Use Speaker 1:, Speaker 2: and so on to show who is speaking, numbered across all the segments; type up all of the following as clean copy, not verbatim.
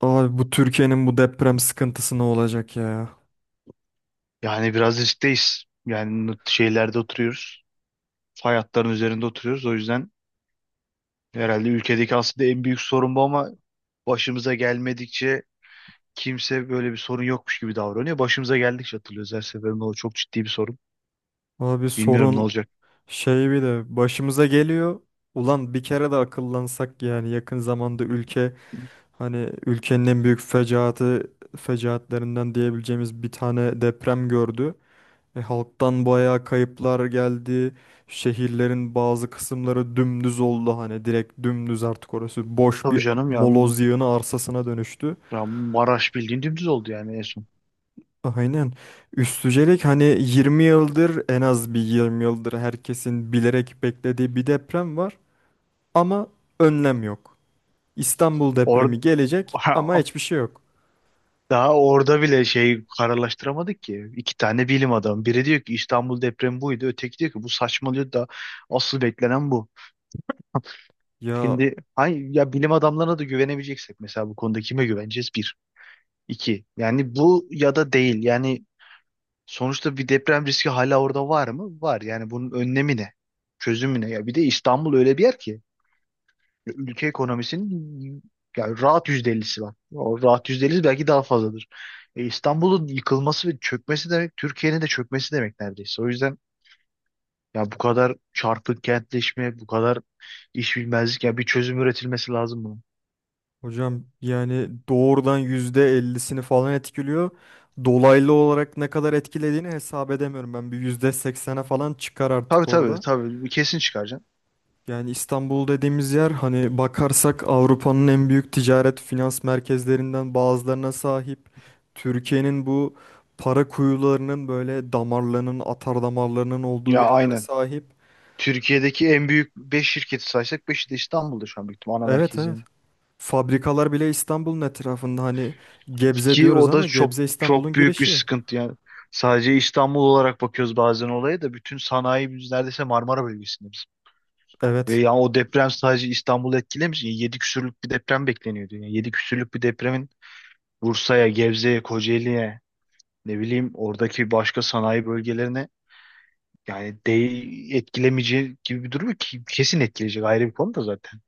Speaker 1: Abi bu Türkiye'nin bu deprem sıkıntısı ne olacak ya?
Speaker 2: Yani biraz riskteyiz. Yani şeylerde oturuyoruz. Fay hatların üzerinde oturuyoruz. O yüzden herhalde ülkedeki aslında en büyük sorun bu ama başımıza gelmedikçe kimse böyle bir sorun yokmuş gibi davranıyor. Başımıza geldikçe hatırlıyoruz, her seferinde o çok ciddi bir sorun.
Speaker 1: Abi
Speaker 2: Bilmiyorum ne
Speaker 1: sorun
Speaker 2: olacak.
Speaker 1: şey bir de başımıza geliyor. Ulan bir kere de akıllansak yani yakın zamanda hani ülkenin en büyük fecaatlerinden diyebileceğimiz bir tane deprem gördü. Halktan bayağı kayıplar geldi. Şehirlerin bazı kısımları dümdüz oldu, hani direkt dümdüz, artık orası boş
Speaker 2: Tabii
Speaker 1: bir
Speaker 2: canım ya,
Speaker 1: moloz yığını arsasına dönüştü.
Speaker 2: ya Maraş bildiğin dümdüz oldu yani en son.
Speaker 1: Aynen. Üstücelik hani 20 yıldır, en az bir 20 yıldır herkesin bilerek beklediği bir deprem var ama önlem yok. İstanbul
Speaker 2: Orada
Speaker 1: depremi gelecek ama hiçbir şey yok.
Speaker 2: daha orada bile şey kararlaştıramadık ki. İki tane bilim adamı. Biri diyor ki İstanbul depremi buydu. Öteki diyor ki bu saçmalıyor da asıl beklenen bu.
Speaker 1: Ya
Speaker 2: Şimdi ya bilim adamlarına da güvenemeyeceksek mesela bu konuda kime güveneceğiz? Bir. İki. Yani bu ya da değil. Yani sonuçta bir deprem riski hala orada var mı? Var. Yani bunun önlemi ne? Çözümü ne? Ya bir de İstanbul öyle bir yer ki ülke ekonomisinin yani rahat %50'si var. O rahat %50'si belki daha fazladır. İstanbul'un yıkılması ve çökmesi demek Türkiye'nin de çökmesi demek neredeyse. O yüzden ya bu kadar çarpık kentleşme, bu kadar iş bilmezlik, ya bir çözüm üretilmesi lazım bunun.
Speaker 1: hocam, yani doğrudan %50'sini falan etkiliyor. Dolaylı olarak ne kadar etkilediğini hesap edemiyorum. Ben bir %80'e falan çıkar
Speaker 2: Tabii
Speaker 1: artık
Speaker 2: tabii
Speaker 1: orada.
Speaker 2: tabii, kesin çıkaracaksın.
Speaker 1: Yani İstanbul dediğimiz yer, hani bakarsak, Avrupa'nın en büyük ticaret finans merkezlerinden bazılarına sahip. Türkiye'nin bu para kuyularının, böyle damarlarının, atar damarlarının olduğu
Speaker 2: Ya
Speaker 1: yerlere
Speaker 2: aynen.
Speaker 1: sahip.
Speaker 2: Türkiye'deki en büyük 5 şirketi saysak beşi de İstanbul'da şu an büyük ihtimal ana
Speaker 1: Evet,
Speaker 2: merkezi,
Speaker 1: evet.
Speaker 2: yani.
Speaker 1: Fabrikalar bile İstanbul'un etrafında, hani Gebze
Speaker 2: Ki
Speaker 1: diyoruz
Speaker 2: o da
Speaker 1: ama
Speaker 2: çok
Speaker 1: Gebze İstanbul'un
Speaker 2: çok büyük bir
Speaker 1: girişi.
Speaker 2: sıkıntı yani. Sadece İstanbul olarak bakıyoruz bazen olaya da, bütün sanayi biz neredeyse Marmara bölgesinde biz. Ve
Speaker 1: Evet.
Speaker 2: yani o deprem sadece İstanbul'u etkilemiş. 7 küsürlük bir deprem bekleniyordu. Yani 7 küsürlük bir depremin Bursa'ya, Gebze'ye, Kocaeli'ye, ne bileyim oradaki başka sanayi bölgelerine, yani değil etkilemeyeceği gibi bir durum yok ki, kesin etkileyecek, ayrı bir konu da zaten.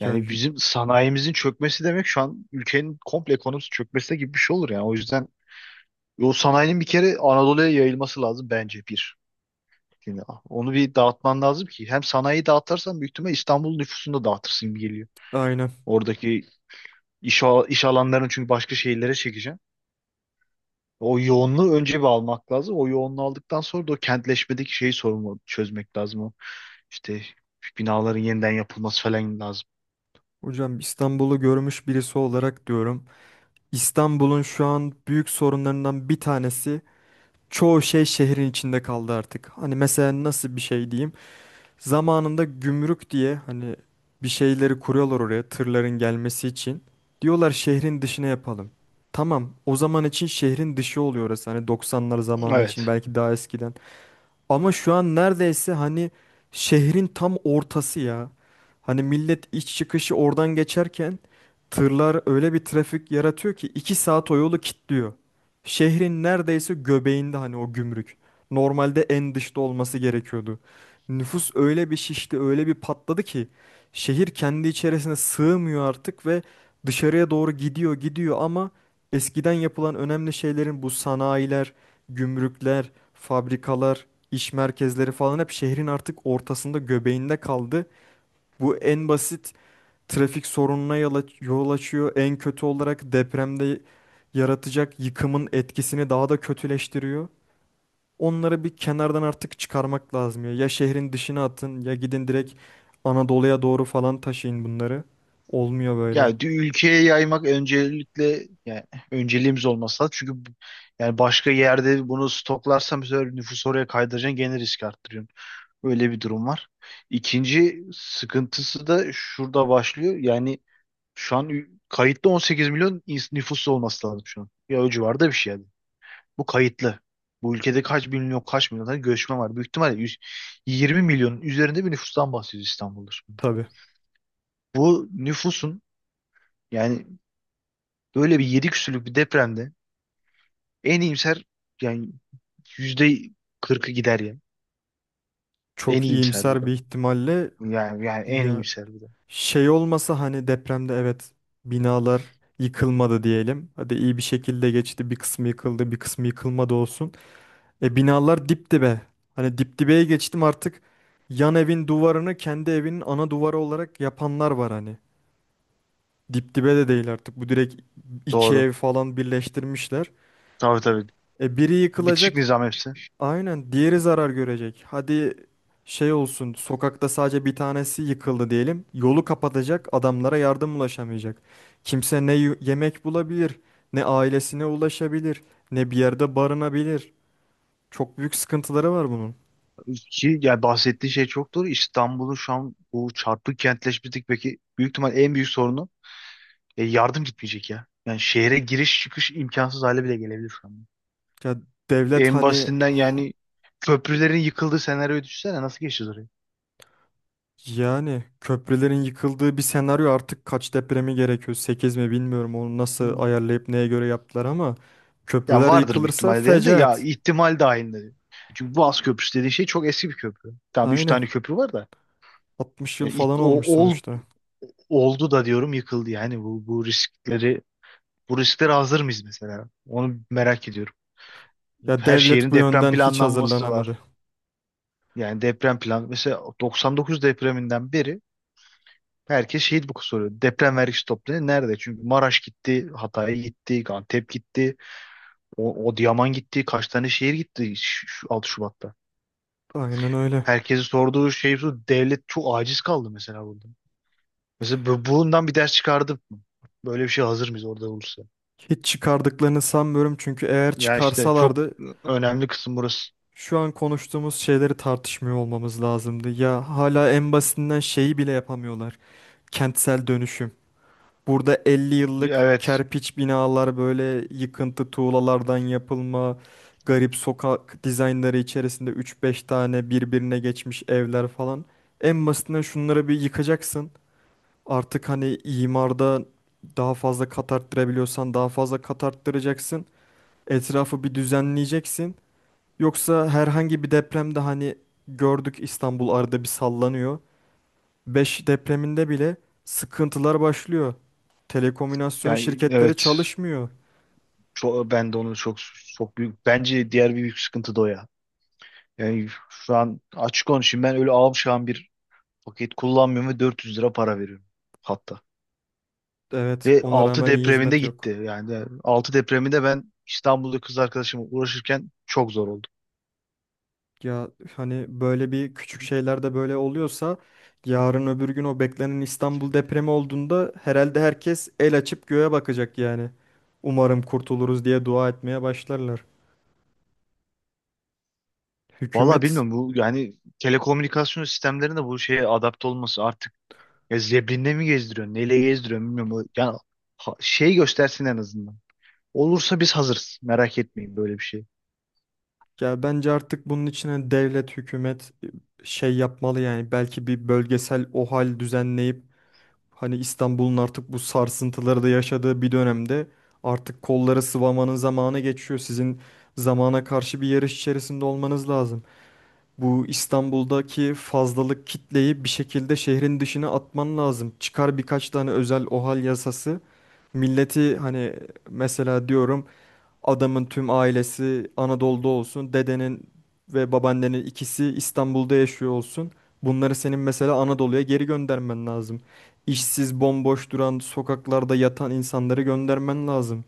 Speaker 1: Ya
Speaker 2: Yani
Speaker 1: y-
Speaker 2: bizim sanayimizin çökmesi demek şu an ülkenin komple ekonomisi çökmesi gibi bir şey olur yani. O yüzden o sanayinin bir kere Anadolu'ya yayılması lazım bence, bir. Şimdi onu bir dağıtman lazım ki, hem sanayiyi dağıtırsan büyük ihtimal İstanbul nüfusunu da dağıtırsın gibi geliyor.
Speaker 1: aynen.
Speaker 2: Oradaki iş alanlarını çünkü başka şehirlere çekeceksin. O yoğunluğu önce bir almak lazım. O yoğunluğu aldıktan sonra da o kentleşmedeki şeyi, sorunu çözmek lazım. İşte binaların yeniden yapılması falan lazım.
Speaker 1: Hocam, İstanbul'u görmüş birisi olarak diyorum. İstanbul'un şu an büyük sorunlarından bir tanesi, çoğu şey şehrin içinde kaldı artık. Hani mesela nasıl bir şey diyeyim? Zamanında gümrük diye hani bir şeyleri kuruyorlar oraya, tırların gelmesi için. Diyorlar şehrin dışına yapalım. Tamam, o zaman için şehrin dışı oluyor orası. Hani 90'lar zamanı için,
Speaker 2: Evet.
Speaker 1: belki daha eskiden. Ama şu an neredeyse hani şehrin tam ortası ya. Hani millet iç çıkışı oradan geçerken tırlar öyle bir trafik yaratıyor ki 2 saat o yolu kilitliyor. Şehrin neredeyse göbeğinde hani o gümrük. Normalde en dışta olması gerekiyordu. Nüfus öyle bir şişti, öyle bir patladı ki şehir kendi içerisine sığmıyor artık ve dışarıya doğru gidiyor, gidiyor, ama eskiden yapılan önemli şeylerin, bu sanayiler, gümrükler, fabrikalar, iş merkezleri falan hep şehrin artık ortasında, göbeğinde kaldı. Bu en basit trafik sorununa yol açıyor. En kötü olarak depremde yaratacak yıkımın etkisini daha da kötüleştiriyor. Onları bir kenardan artık çıkarmak lazım ya. Ya şehrin dışına atın, ya gidin direkt Anadolu'ya doğru falan taşıyın bunları. Olmuyor böyle.
Speaker 2: Ülkeye yaymak öncelikle, yani önceliğimiz olması lazım. Çünkü yani başka yerde bunu stoklarsam bu sefer nüfusu oraya kaydıracaksın, gene risk arttırıyorsun. Öyle bir durum var. İkinci sıkıntısı da şurada başlıyor. Yani şu an kayıtlı 18 milyon nüfusu olması lazım şu an. Ya o civarda bir şey yani. Bu kayıtlı. Bu ülkede kaç milyon tane göçmen var. Büyük ihtimalle 100, 20 milyonun üzerinde bir nüfustan bahsediyoruz İstanbul'da, şimdi.
Speaker 1: Tabii.
Speaker 2: Bu nüfusun yani böyle bir 7 küsürlük bir depremde en iyimser, yani yüzde 40'ı gider ya. En
Speaker 1: Çok
Speaker 2: iyimser bu
Speaker 1: iyimser
Speaker 2: da.
Speaker 1: bir ihtimalle
Speaker 2: Yani en
Speaker 1: ya,
Speaker 2: iyimser bu da.
Speaker 1: şey olmasa, hani depremde, evet, binalar yıkılmadı diyelim. Hadi iyi bir şekilde geçti. Bir kısmı yıkıldı, bir kısmı yıkılmadı olsun. Binalar dip dibe. Hani dip dibeye geçtim artık, yan evin duvarını kendi evinin ana duvarı olarak yapanlar var hani. Dip dibe de değil artık. Bu direkt iki
Speaker 2: Doğru.
Speaker 1: ev falan birleştirmişler.
Speaker 2: Tabii tabii.
Speaker 1: Biri
Speaker 2: Bitişik
Speaker 1: yıkılacak.
Speaker 2: nizam hepsi.
Speaker 1: Aynen, diğeri zarar görecek. Hadi şey olsun, sokakta sadece bir tanesi yıkıldı diyelim. Yolu kapatacak, adamlara yardım ulaşamayacak. Kimse ne yemek bulabilir, ne ailesine ulaşabilir, ne bir yerde barınabilir. Çok büyük sıkıntıları var bunun.
Speaker 2: Ki yani bahsettiği şey çok doğru. İstanbul'un şu an bu çarpık kentleşmesindeki peki büyük ihtimal en büyük sorunu. Yardım gitmeyecek ya. Yani şehre giriş çıkış imkansız hale bile gelebilir şu an.
Speaker 1: Ya devlet
Speaker 2: En
Speaker 1: hani
Speaker 2: basitinden
Speaker 1: ha-
Speaker 2: yani köprülerin yıkıldığı senaryoyu düşünsene, nasıl geçeceğiz orayı?
Speaker 1: yani köprülerin yıkıldığı bir senaryo artık kaç depremi gerekiyor? 8 mi, bilmiyorum onu nasıl
Speaker 2: Hı.
Speaker 1: ayarlayıp neye göre yaptılar, ama
Speaker 2: Ya
Speaker 1: köprüler
Speaker 2: vardır büyük
Speaker 1: yıkılırsa
Speaker 2: ihtimalle diyelim de, ya
Speaker 1: fecaat.
Speaker 2: ihtimal dahilinde, diyor. Çünkü Boğaz Köprüsü dediğin şey çok eski bir köprü. Tamam, 3
Speaker 1: Aynen.
Speaker 2: tane köprü var da.
Speaker 1: 60 yıl
Speaker 2: Yani ilk-
Speaker 1: falan
Speaker 2: o,
Speaker 1: olmuş
Speaker 2: ol-
Speaker 1: sonuçta.
Speaker 2: Oldu da diyorum yıkıldı yani, bu risklere hazır mıyız mesela? Onu merak ediyorum.
Speaker 1: Ya
Speaker 2: Her
Speaker 1: devlet
Speaker 2: şehrin
Speaker 1: bu
Speaker 2: deprem
Speaker 1: yönden hiç
Speaker 2: planlanması
Speaker 1: hazırlanamadı.
Speaker 2: var. Yani deprem plan, mesela 99 depreminden beri herkes şehit bu soruyor. Deprem vergisi toplanıyor. Nerede? Çünkü Maraş gitti, Hatay gitti, Antep gitti, o, Adıyaman gitti. Kaç tane şehir gitti şu 6 Şubat'ta.
Speaker 1: Aynen öyle.
Speaker 2: Herkesi sorduğu şey şu. Devlet çok aciz kaldı mesela burada. Mesela bundan bir ders çıkardık mı? Böyle bir şey hazır mıyız orada olursa?
Speaker 1: Hiç çıkardıklarını sanmıyorum, çünkü eğer
Speaker 2: Ya işte çok
Speaker 1: çıkarsalardı
Speaker 2: önemli kısım burası.
Speaker 1: şu an konuştuğumuz şeyleri tartışmıyor olmamız lazımdı. Ya hala en basitinden şeyi bile yapamıyorlar. Kentsel dönüşüm. Burada 50 yıllık
Speaker 2: Evet.
Speaker 1: kerpiç binalar, böyle yıkıntı tuğlalardan yapılma, garip sokak dizaynları içerisinde 3-5 tane birbirine geçmiş evler falan. En basitinden şunları bir yıkacaksın. Artık hani imarda daha fazla kat arttırabiliyorsan daha fazla kat arttıracaksın. Etrafı bir düzenleyeceksin. Yoksa herhangi bir depremde, hani gördük, İstanbul arada bir sallanıyor. Beş depreminde bile sıkıntılar başlıyor. Telekomünasyon
Speaker 2: Yani
Speaker 1: şirketleri
Speaker 2: evet.
Speaker 1: çalışmıyor.
Speaker 2: Ben de onu çok, çok büyük. Bence diğer bir büyük sıkıntı da o ya. Yani şu an açık konuşayım, ben öyle avşan bir paket kullanmıyorum ve 400 lira para veriyorum hatta.
Speaker 1: Evet,
Speaker 2: Ve
Speaker 1: ona
Speaker 2: 6
Speaker 1: rağmen iyi
Speaker 2: depreminde
Speaker 1: hizmet yok.
Speaker 2: gitti. Yani 6 depreminde ben İstanbul'da kız arkadaşımla uğraşırken çok zor oldu.
Speaker 1: Ya hani böyle bir küçük şeyler de böyle oluyorsa, yarın öbür gün o beklenen İstanbul depremi olduğunda herhalde herkes el açıp göğe bakacak yani. Umarım kurtuluruz diye dua etmeye başlarlar.
Speaker 2: Vallahi
Speaker 1: Hükümet
Speaker 2: bilmiyorum bu, yani telekomünikasyon sistemlerinde bu şeye adapte olması artık, ya zebrinle mi gezdiriyor, neyle gezdiriyor bilmiyorum. Yani şey göstersin en azından. Olursa biz hazırız, merak etmeyin böyle bir şey.
Speaker 1: Ya bence artık bunun içine devlet, hükümet, şey yapmalı, yani belki bir bölgesel OHAL düzenleyip, hani İstanbul'un artık bu sarsıntıları da yaşadığı bir dönemde, artık kolları sıvamanın zamanı geçiyor. Sizin zamana karşı bir yarış içerisinde olmanız lazım. Bu İstanbul'daki fazlalık kitleyi bir şekilde şehrin dışına atman lazım. Çıkar birkaç tane özel OHAL yasası. Milleti hani, mesela diyorum, adamın tüm ailesi Anadolu'da olsun. Dedenin ve babaannenin ikisi İstanbul'da yaşıyor olsun. Bunları senin mesela Anadolu'ya geri göndermen lazım. İşsiz, bomboş duran, sokaklarda yatan insanları göndermen lazım.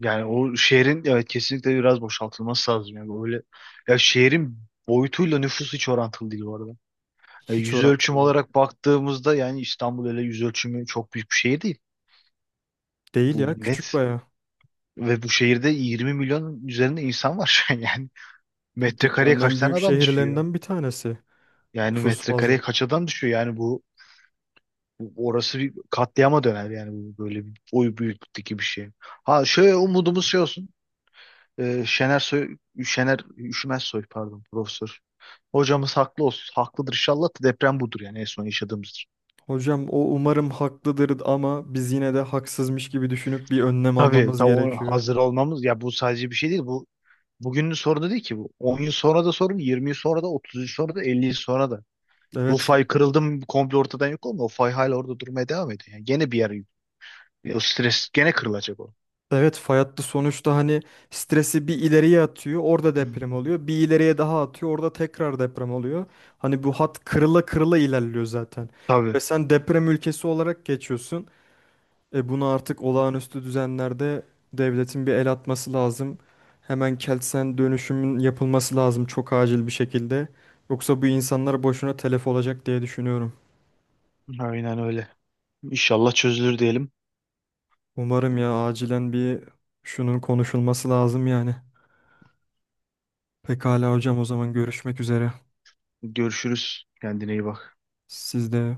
Speaker 2: Yani o şehrin, evet, kesinlikle biraz boşaltılması lazım. Yani böyle ya, şehrin boyutuyla nüfusu hiç orantılı değil bu arada.
Speaker 1: Hiç
Speaker 2: Yüz ölçümü
Speaker 1: orantılı
Speaker 2: olarak baktığımızda yani İstanbul öyle yüz ölçümü çok büyük bir şehir değil.
Speaker 1: değil
Speaker 2: Bu
Speaker 1: ya, küçük
Speaker 2: net.
Speaker 1: baya.
Speaker 2: Ve bu şehirde 20 milyon üzerinde insan var şu an yani.
Speaker 1: Ya
Speaker 2: Metrekareye
Speaker 1: dünyanın
Speaker 2: kaç
Speaker 1: en
Speaker 2: tane
Speaker 1: büyük
Speaker 2: adam düşüyor?
Speaker 1: şehirlerinden bir tanesi
Speaker 2: Yani
Speaker 1: nüfus
Speaker 2: metrekareye
Speaker 1: bazlı.
Speaker 2: kaç adam düşüyor? Yani orası bir katliama döner yani, bu böyle bir oy büyüklükteki bir şey. Ha, şöyle umudumuz şey olsun. Şener Soy, Şener Üşümez Soy, pardon, profesör hocamız haklı olsun. Haklıdır inşallah, da deprem budur yani, en son yaşadığımızdır.
Speaker 1: Hocam, o umarım haklıdır, ama biz yine de haksızmış gibi düşünüp bir önlem
Speaker 2: Tabii,
Speaker 1: almamız
Speaker 2: o
Speaker 1: gerekiyor.
Speaker 2: hazır olmamız, ya bu sadece bir şey değil, bu bugünün sorunu değil ki bu. 10 yıl sonra da sorun, 20 yıl sonra da, 30 yıl sonra da, 50 yıl sonra da. Bu
Speaker 1: Evet,
Speaker 2: fay kırıldı mı komple ortadan yok olmuyor. O fay hala orada durmaya devam ediyor. Yani gene bir yer, o stres gene kırılacak, o.
Speaker 1: evet, fay hattı sonuçta, hani stresi bir ileriye atıyor, orada
Speaker 2: Hı
Speaker 1: deprem
Speaker 2: hı.
Speaker 1: oluyor. Bir ileriye daha atıyor, orada tekrar deprem oluyor. Hani bu hat kırıla kırıla ilerliyor zaten.
Speaker 2: Tabii.
Speaker 1: Ve sen deprem ülkesi olarak geçiyorsun. Bunu artık olağanüstü düzenlerde devletin bir el atması lazım. Hemen Kelsen dönüşümün yapılması lazım, çok acil bir şekilde. Yoksa bu insanlar boşuna telef olacak diye düşünüyorum.
Speaker 2: Aynen öyle. İnşallah çözülür diyelim.
Speaker 1: Umarım ya, acilen bir şunun konuşulması lazım yani. Pekala hocam, o zaman görüşmek üzere.
Speaker 2: Görüşürüz. Kendine iyi bak.
Speaker 1: Siz de